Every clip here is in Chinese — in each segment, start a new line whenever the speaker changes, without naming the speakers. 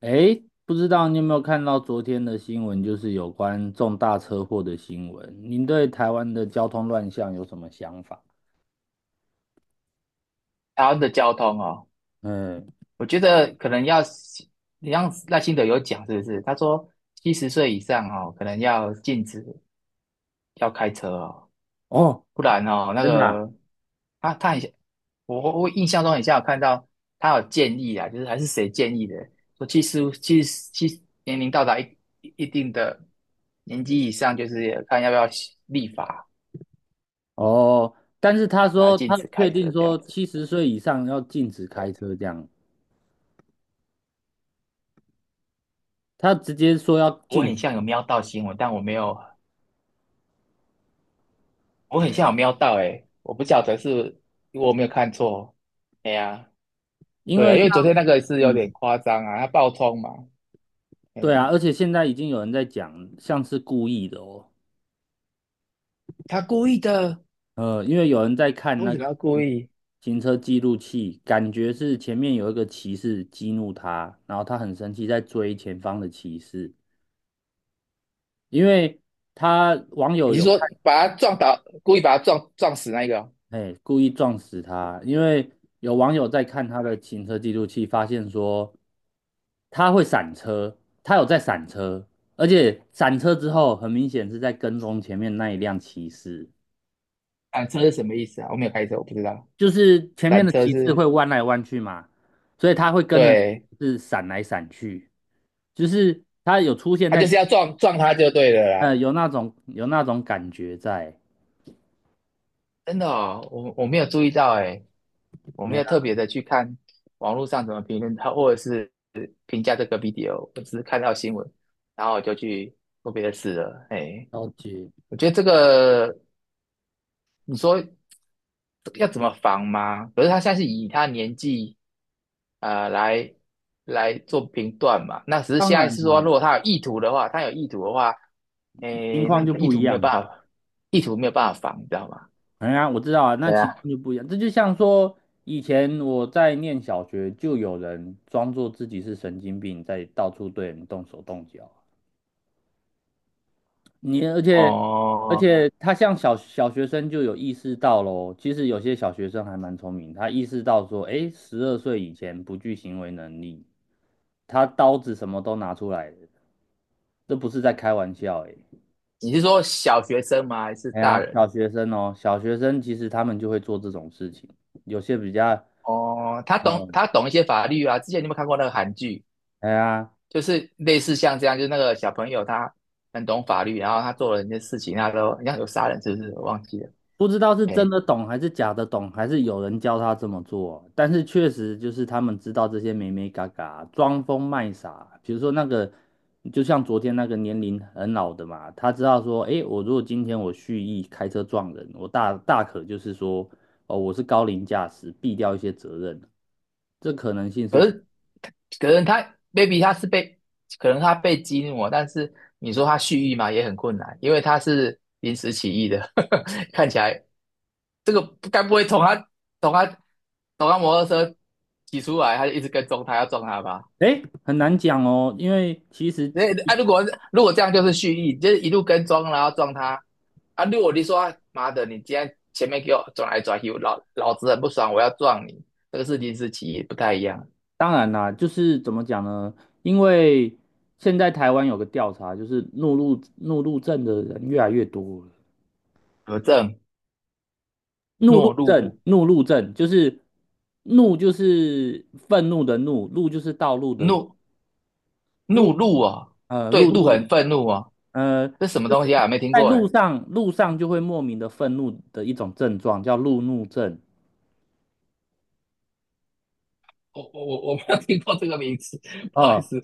诶，不知道你有没有看到昨天的新闻，就是有关重大车祸的新闻。您对台湾的交通乱象有什么想法？
台湾的交通哦，
嗯，
我觉得可能要你像赖清德有讲，是不是？他说70岁以上哦，可能要禁止要开车哦，
哦，
不然哦，那
真的啊？
个他很像我印象中很像有看到他有建议啊，就是还是谁建议的，说七十年龄到达一定的年纪以上，就是看要不要立法
哦，但是他
来
说
禁
他
止
确
开
定
车这
说
样子。
70岁以上要禁止开车，这样他直接说要
我
禁
很
止
像有瞄到新闻，但我没有我很像有瞄到诶，我不晓得是我没有看错。哎呀，
因
对啊，
为
因
像
为昨天那个是有点
嗯，
夸张啊，他爆冲嘛，
对啊，
哎，
而且现在已经有人在讲像是故意的哦。
他故意的，
因为有人在看
为
那
什么
个
要故意？
行车记录器，感觉是前面有一个骑士激怒他，然后他很生气，在追前方的骑士，因为他网友
你是
有看，
说把他撞倒，故意把他撞死那个哦，
哎，故意撞死他，因为有网友在看他的行车记录器，发现说他会闪车，他有在闪车，而且闪车之后，很明显是在跟踪前面那一辆骑士。
铲车是什么意思啊？我没有开车，我不知道。
就是前面
铲
的
车
骑士
是，
会弯来弯去嘛，所以他会跟着
对，
是闪来闪去，就是他有出现
他
在
就是要撞他就对了啦。
有那种感觉在，
真的哦，我没有注意到诶，我没
没
有特
啊
别的去看网络上怎么评论他，或者是评价这个 video,我只是看到新闻，然后我就去做别的事了。哎。
了解。
我觉得这个你说要怎么防吗？可是他现在是以他年纪来来做评断嘛，那只是
当
现在
然
是说，
啦、
如果他有意图的话，他有意图的话，哎，
情况
那
就
意
不
图
一
没有
样了。
办法，意图没有办法防，你知道吗？
哎呀，我知道啊，那
对
情
啊。
况就不一样。这就像说，以前我在念小学，就有人装作自己是神经病，在到处对人动手动脚。你而且而
哦，
且他像小学生就有意识到喽，其实有些小学生还蛮聪明，他意识到说，哎，12岁以前不具行为能力，他刀子什么都拿出来了，这不是在开玩笑诶。
你是说小学生吗？还是
哎
大
呀，
人？
小学生哦，小学生其实他们就会做这种事情，有些比较，
哦，他懂
嗯，
他懂一些法律啊。之前你有没有看过那个韩剧？
哎呀，
就是类似像这样，就是那个小朋友他很懂法律，然后他做了一些事情，他都好像有杀人，是不是？我忘记了。
不知道是真
哎，
的懂还是假的懂，还是有人教他这么做。但是确实就是他们知道这些美美嘎嘎，装疯卖傻。比如说那个，就像昨天那个年龄很老的嘛，他知道说，诶，我如果今天我蓄意开车撞人，我大可就是说，哦，我是高龄驾驶，避掉一些责任，这可能性是存，
可能他 b a b y 他是被，可能他被激怒了，但是你说他蓄意嘛，也很困难，因为他是临时起意的，看起来这个该不会从他从他从他摩托车骑出来，他就一直跟踪他，要撞他吧？
诶，很难讲哦，因为其实。
那啊，如果如果这样就是蓄意，就是一路跟踪，然后撞他啊。如果你说啊妈的，你今天前面给我转来转去，我老子很不爽，我要撞你，这个事情是其一，不太一样。
当然啦，就是怎么讲呢？因为现在台湾有个调查，就是怒路症的人越来越多了。
何正
怒
懦
路症，怒路症就是怒就是愤怒的怒，路就是道路的路，
怒怒
路
怒啊，对，
路
怒
怒
很愤怒啊，
就
这什么东西
是
啊？没听
在
过哎，
路上就会莫名的愤怒的一种症状，叫路怒症。
我没有听过这个名词，不好意
呃
思。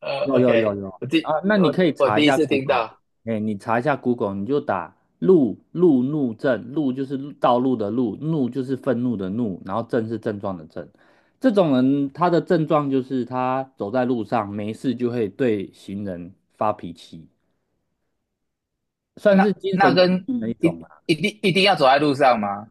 有有有
OK,
有
我第
啊，那你
我
可以
我
查一
第一
下
次听
Google，
到，
哎，你查一下 Google，你就打路怒症，路就是路道路的路，怒就是愤怒的怒，然后症是症状的症。这种人他的症状就是他走在路上没事就会对行人发脾气，算是
那
精
那
神疾
跟
病的一
一
种吧。
一定一定要走在路上吗？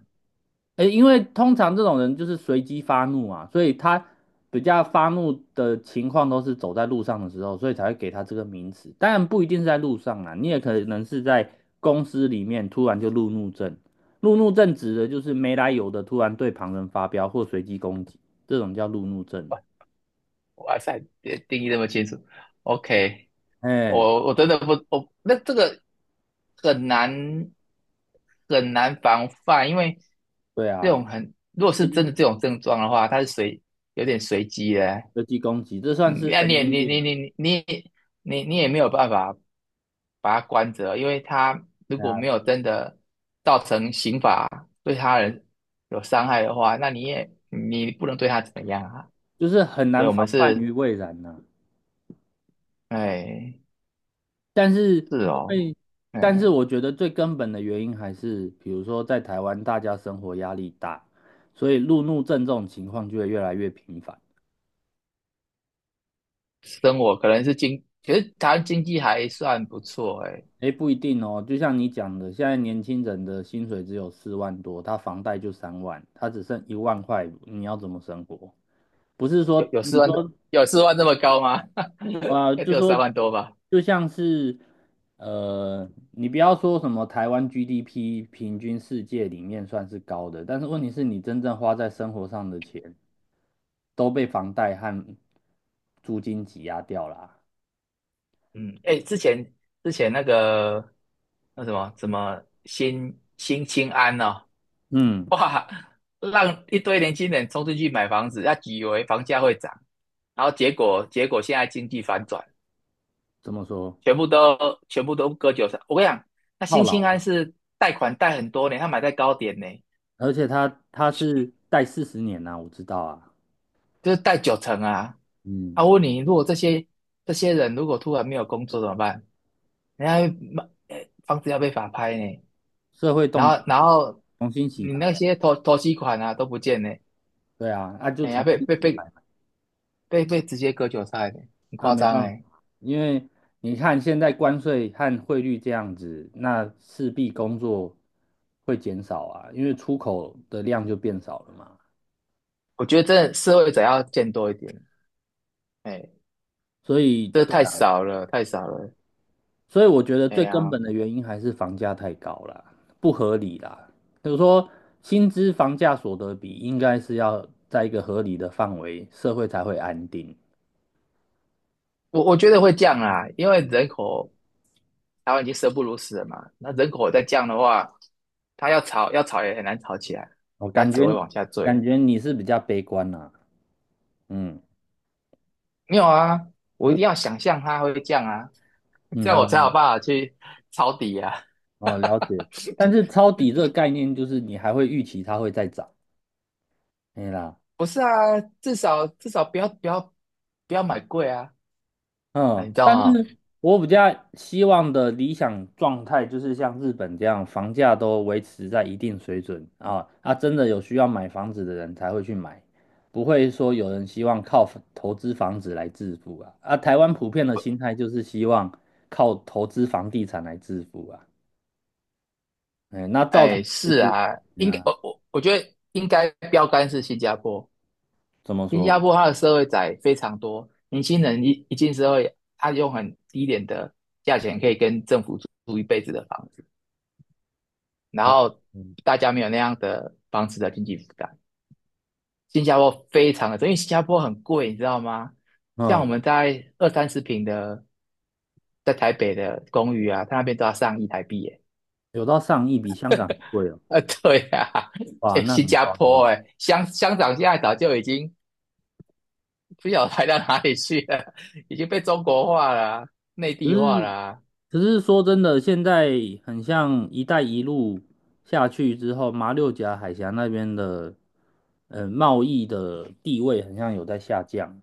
诶，因为通常这种人就是随机发怒啊，所以他比较发怒的情况都是走在路上的时候，所以才会给他这个名词。当然不一定是在路上啊，你也可能是在公司里面突然就路怒症。路怒症指的就是没来由的突然对旁人发飙或随机攻击，这种叫路怒症。
哇塞，别定义那么清楚。OK,
哎，
我我真的不，我那这个很难很难防范，因为
对
这
啊，
种很，如果是真
嗯
的这种症状的话，它是随有点随机的。
随机攻击，这算
嗯
是
那你
神
也
经
你
病
你
啊。
你你你你也没有办法把它关着，因为他如
对
果没有
啊，
真的造成刑法对他人有伤害的话，那你也你不能对他怎么样啊。
就是很
所以
难
我
防
们
范
是
于未然呐、
哎。
但是
是
因
哦，
为，但
哎，
是我觉得最根本的原因还是，比如说在台湾大家生活压力大，所以路怒症这种情况就会越来越频繁。
生活可能是经，其是台湾经济还算不错，哎，
诶，不一定哦，就像你讲的，现在年轻人的薪水只有4万多，他房贷就3万，他只剩1万块，你要怎么生活？不是
有
说
有
你
四万，
说
有四万这么高吗？应
啊，
该只
就
有三
说
万多吧。
就像是你不要说什么台湾 GDP 平均世界里面算是高的，但是问题是你真正花在生活上的钱都被房贷和租金挤压掉了。
嗯，哎，之前那个那什么新青安哦，
嗯，
哇，让一堆年轻人冲进去买房子，他以为房价会涨，然后结果现在经济反转，
怎么说？
全部都全部都割韭菜。我跟你讲，那
套
新青
牢
安
的，
是贷款贷很多年，他买在高点呢。
而且它是贷40年呐、我知道啊。
就是贷9成啊。
嗯，
他问你，如果这些人如果突然没有工作怎么办？人家卖呃房子要被法拍呢，
社会
然
动荡，
后然后
重新洗
你
牌
那
啊
些投投期款啊都不见呢，
对啊，那、就
人家
重
被
新
被
洗
被
牌。
被被直接割韭菜呢，很
啊，
夸
没
张
办法，
哎。
因为你看现在关税和汇率这样子，那势必工作会减少啊，因为出口的量就变少了嘛。
我觉得真的社会者要见多一点，哎，
所以，
这
对
太
啊，
少了，太少了，
所以我觉得
哎
最根
呀，
本的原因还是房价太高啦，不合理啦。就是说，薪资房价所得比应该是要在一个合理的范围，社会才会安定。
我觉得会降啊，因为人口台湾已经生不如死了嘛，那人口再降的话，它要吵要吵也很难吵起来，
我
它
感
只会
觉
往下坠。
你是比较悲观啦、嗯
没有啊，我一定要想象它会降啊，
嗯
这样我才有办
哦。
法去抄底啊。
哦，了解。但是抄底这个概念就是你还会预期它会再涨，对啦，
不是啊，至少至少不要不要买贵啊，啊，
嗯。
你知道
但
吗？
是我比较希望的理想状态就是像日本这样，房价都维持在一定水准啊，啊，真的有需要买房子的人才会去买，不会说有人希望靠房投资房子来致富啊。啊，台湾普遍的心态就是希望靠投资房地产来致富啊，哎，那造成
哎，
就
是
是，
啊，应该我
嗯，
我我觉得应该标杆是新加坡，
怎么
新加
说？
坡它的社会仔非常多，年轻人一进社会，他用很低廉的价钱可以跟政府租一辈子的房子，然
哦
后
嗯。
大家没有那样的房子的经济负担。新加坡非常的多因为新加坡很贵，你知道吗？像我
嗯
们在二三十平的，在台北的公寓啊，它那边都要上亿台币耶。
有到上亿，比香港还贵哦。
啊，对啊，
哇，
哎，
那
新
很
加
夸张
坡
的。
哎，乡长现在早就已经不晓得抬到哪里去了，已经被中国化了啊，内
只
地化了
是，
啊，
只是说真的，现在很像“一带一路”下去之后，马六甲海峡那边的，贸易的地位很像有在下降，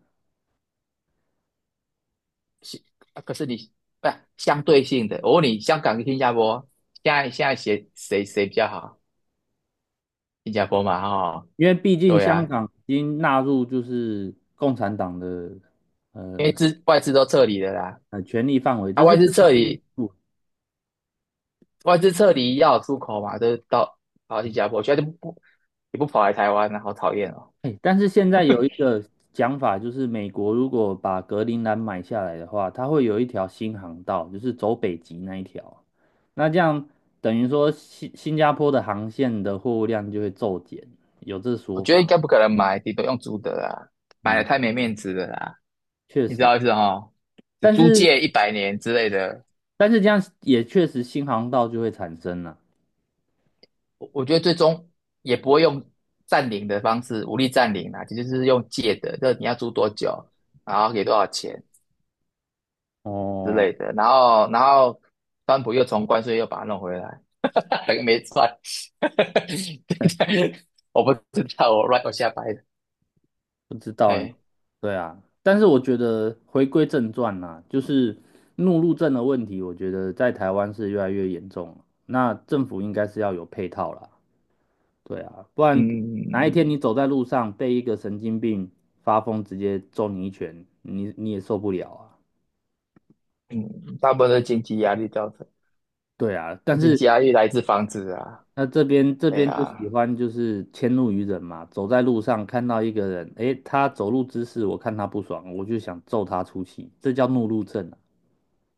是啊可是你不是相对性的，我问你，香港跟新加坡现在谁比较好？新加坡嘛，哦，
因为毕竟
对
香
啊，
港已经纳入就是共产党的
因为
呃
资外资都撤离了啦，
权力范围，
啊，
这是
外资
这的
撤
是
离，
部分。
外资撤离要有出口嘛，都到跑到新加坡去，现在就不不也不跑来台湾了，好讨厌哦。
哎，但是现在有一个讲法，就是美国如果把格陵兰买下来的话，它会有一条新航道，就是走北极那一条。那这样等于说新加坡的航线的货物量就会骤减，有这
我
说
觉得应
法。
该不可能买，你都用租的啦，买了
嗯，
太没面子了啦，
确
你知
实，
道意思哦？就
但
租
是
借100年之类的，
但是这样也确实新航道就会产生了。
我觉得最终也不会用占领的方式，武力占领啦，就是用借的，这你要租多久，然后给多少钱之
哦。
类的，然后川普又从关税又把它弄回来，等个没赚，我不知道，我乱我瞎掰的，
不知道哎，
哎，
对啊，但是我觉得回归正传啦、就是怒路症的问题，我觉得在台湾是越来越严重了。那政府应该是要有配套啦，对啊，不然哪一
嗯
天你走在路上被一个神经病发疯直接揍你一拳，你你也受不了啊。
嗯，大部分都是经济压力造成，
对啊，
啊经济压力来自房子啊，
那这边
对
就喜
啊，
欢就是迁怒于人嘛，走在路上看到一个人，诶，他走路姿势我看他不爽，我就想揍他出气，这叫怒路症啊。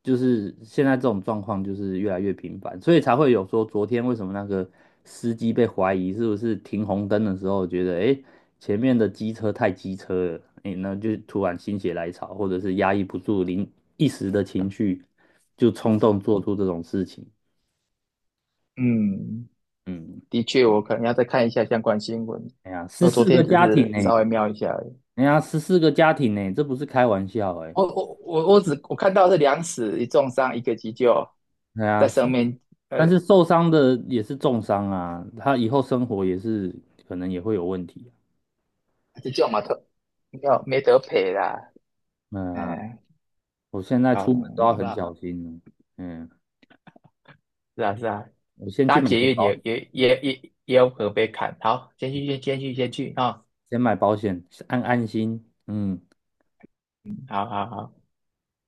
就是现在这种状况就是越来越频繁，所以才会有说昨天为什么那个司机被怀疑是不是停红灯的时候觉得诶前面的机车太机车了，诶，那就突然心血来潮，或者是压抑不住一时的情绪，就冲动做出这种事情。
嗯，
嗯，
的确，我可能要再看一下相关新闻，
哎呀，十
我昨
四
天
个
只
家庭
是
呢、
稍微瞄一下而已。
这不是开玩笑哎、
我只看到是两死一重伤，一个急救
对啊，
在
是
生命，呃，
但是受伤的也是重伤啊，他以后生活也是可能也会有问题啊。
急救嘛，特没有没得赔啦，
嗯啊
嗯，
我现在
好，
出门都
没
要
有
很
办法，
小心了。嗯，
是啊是啊，
我先去
搭
买
捷
个
运
保，
也有可能被砍，好，先去啊、哦
先买保险，安安心。嗯。
好好好。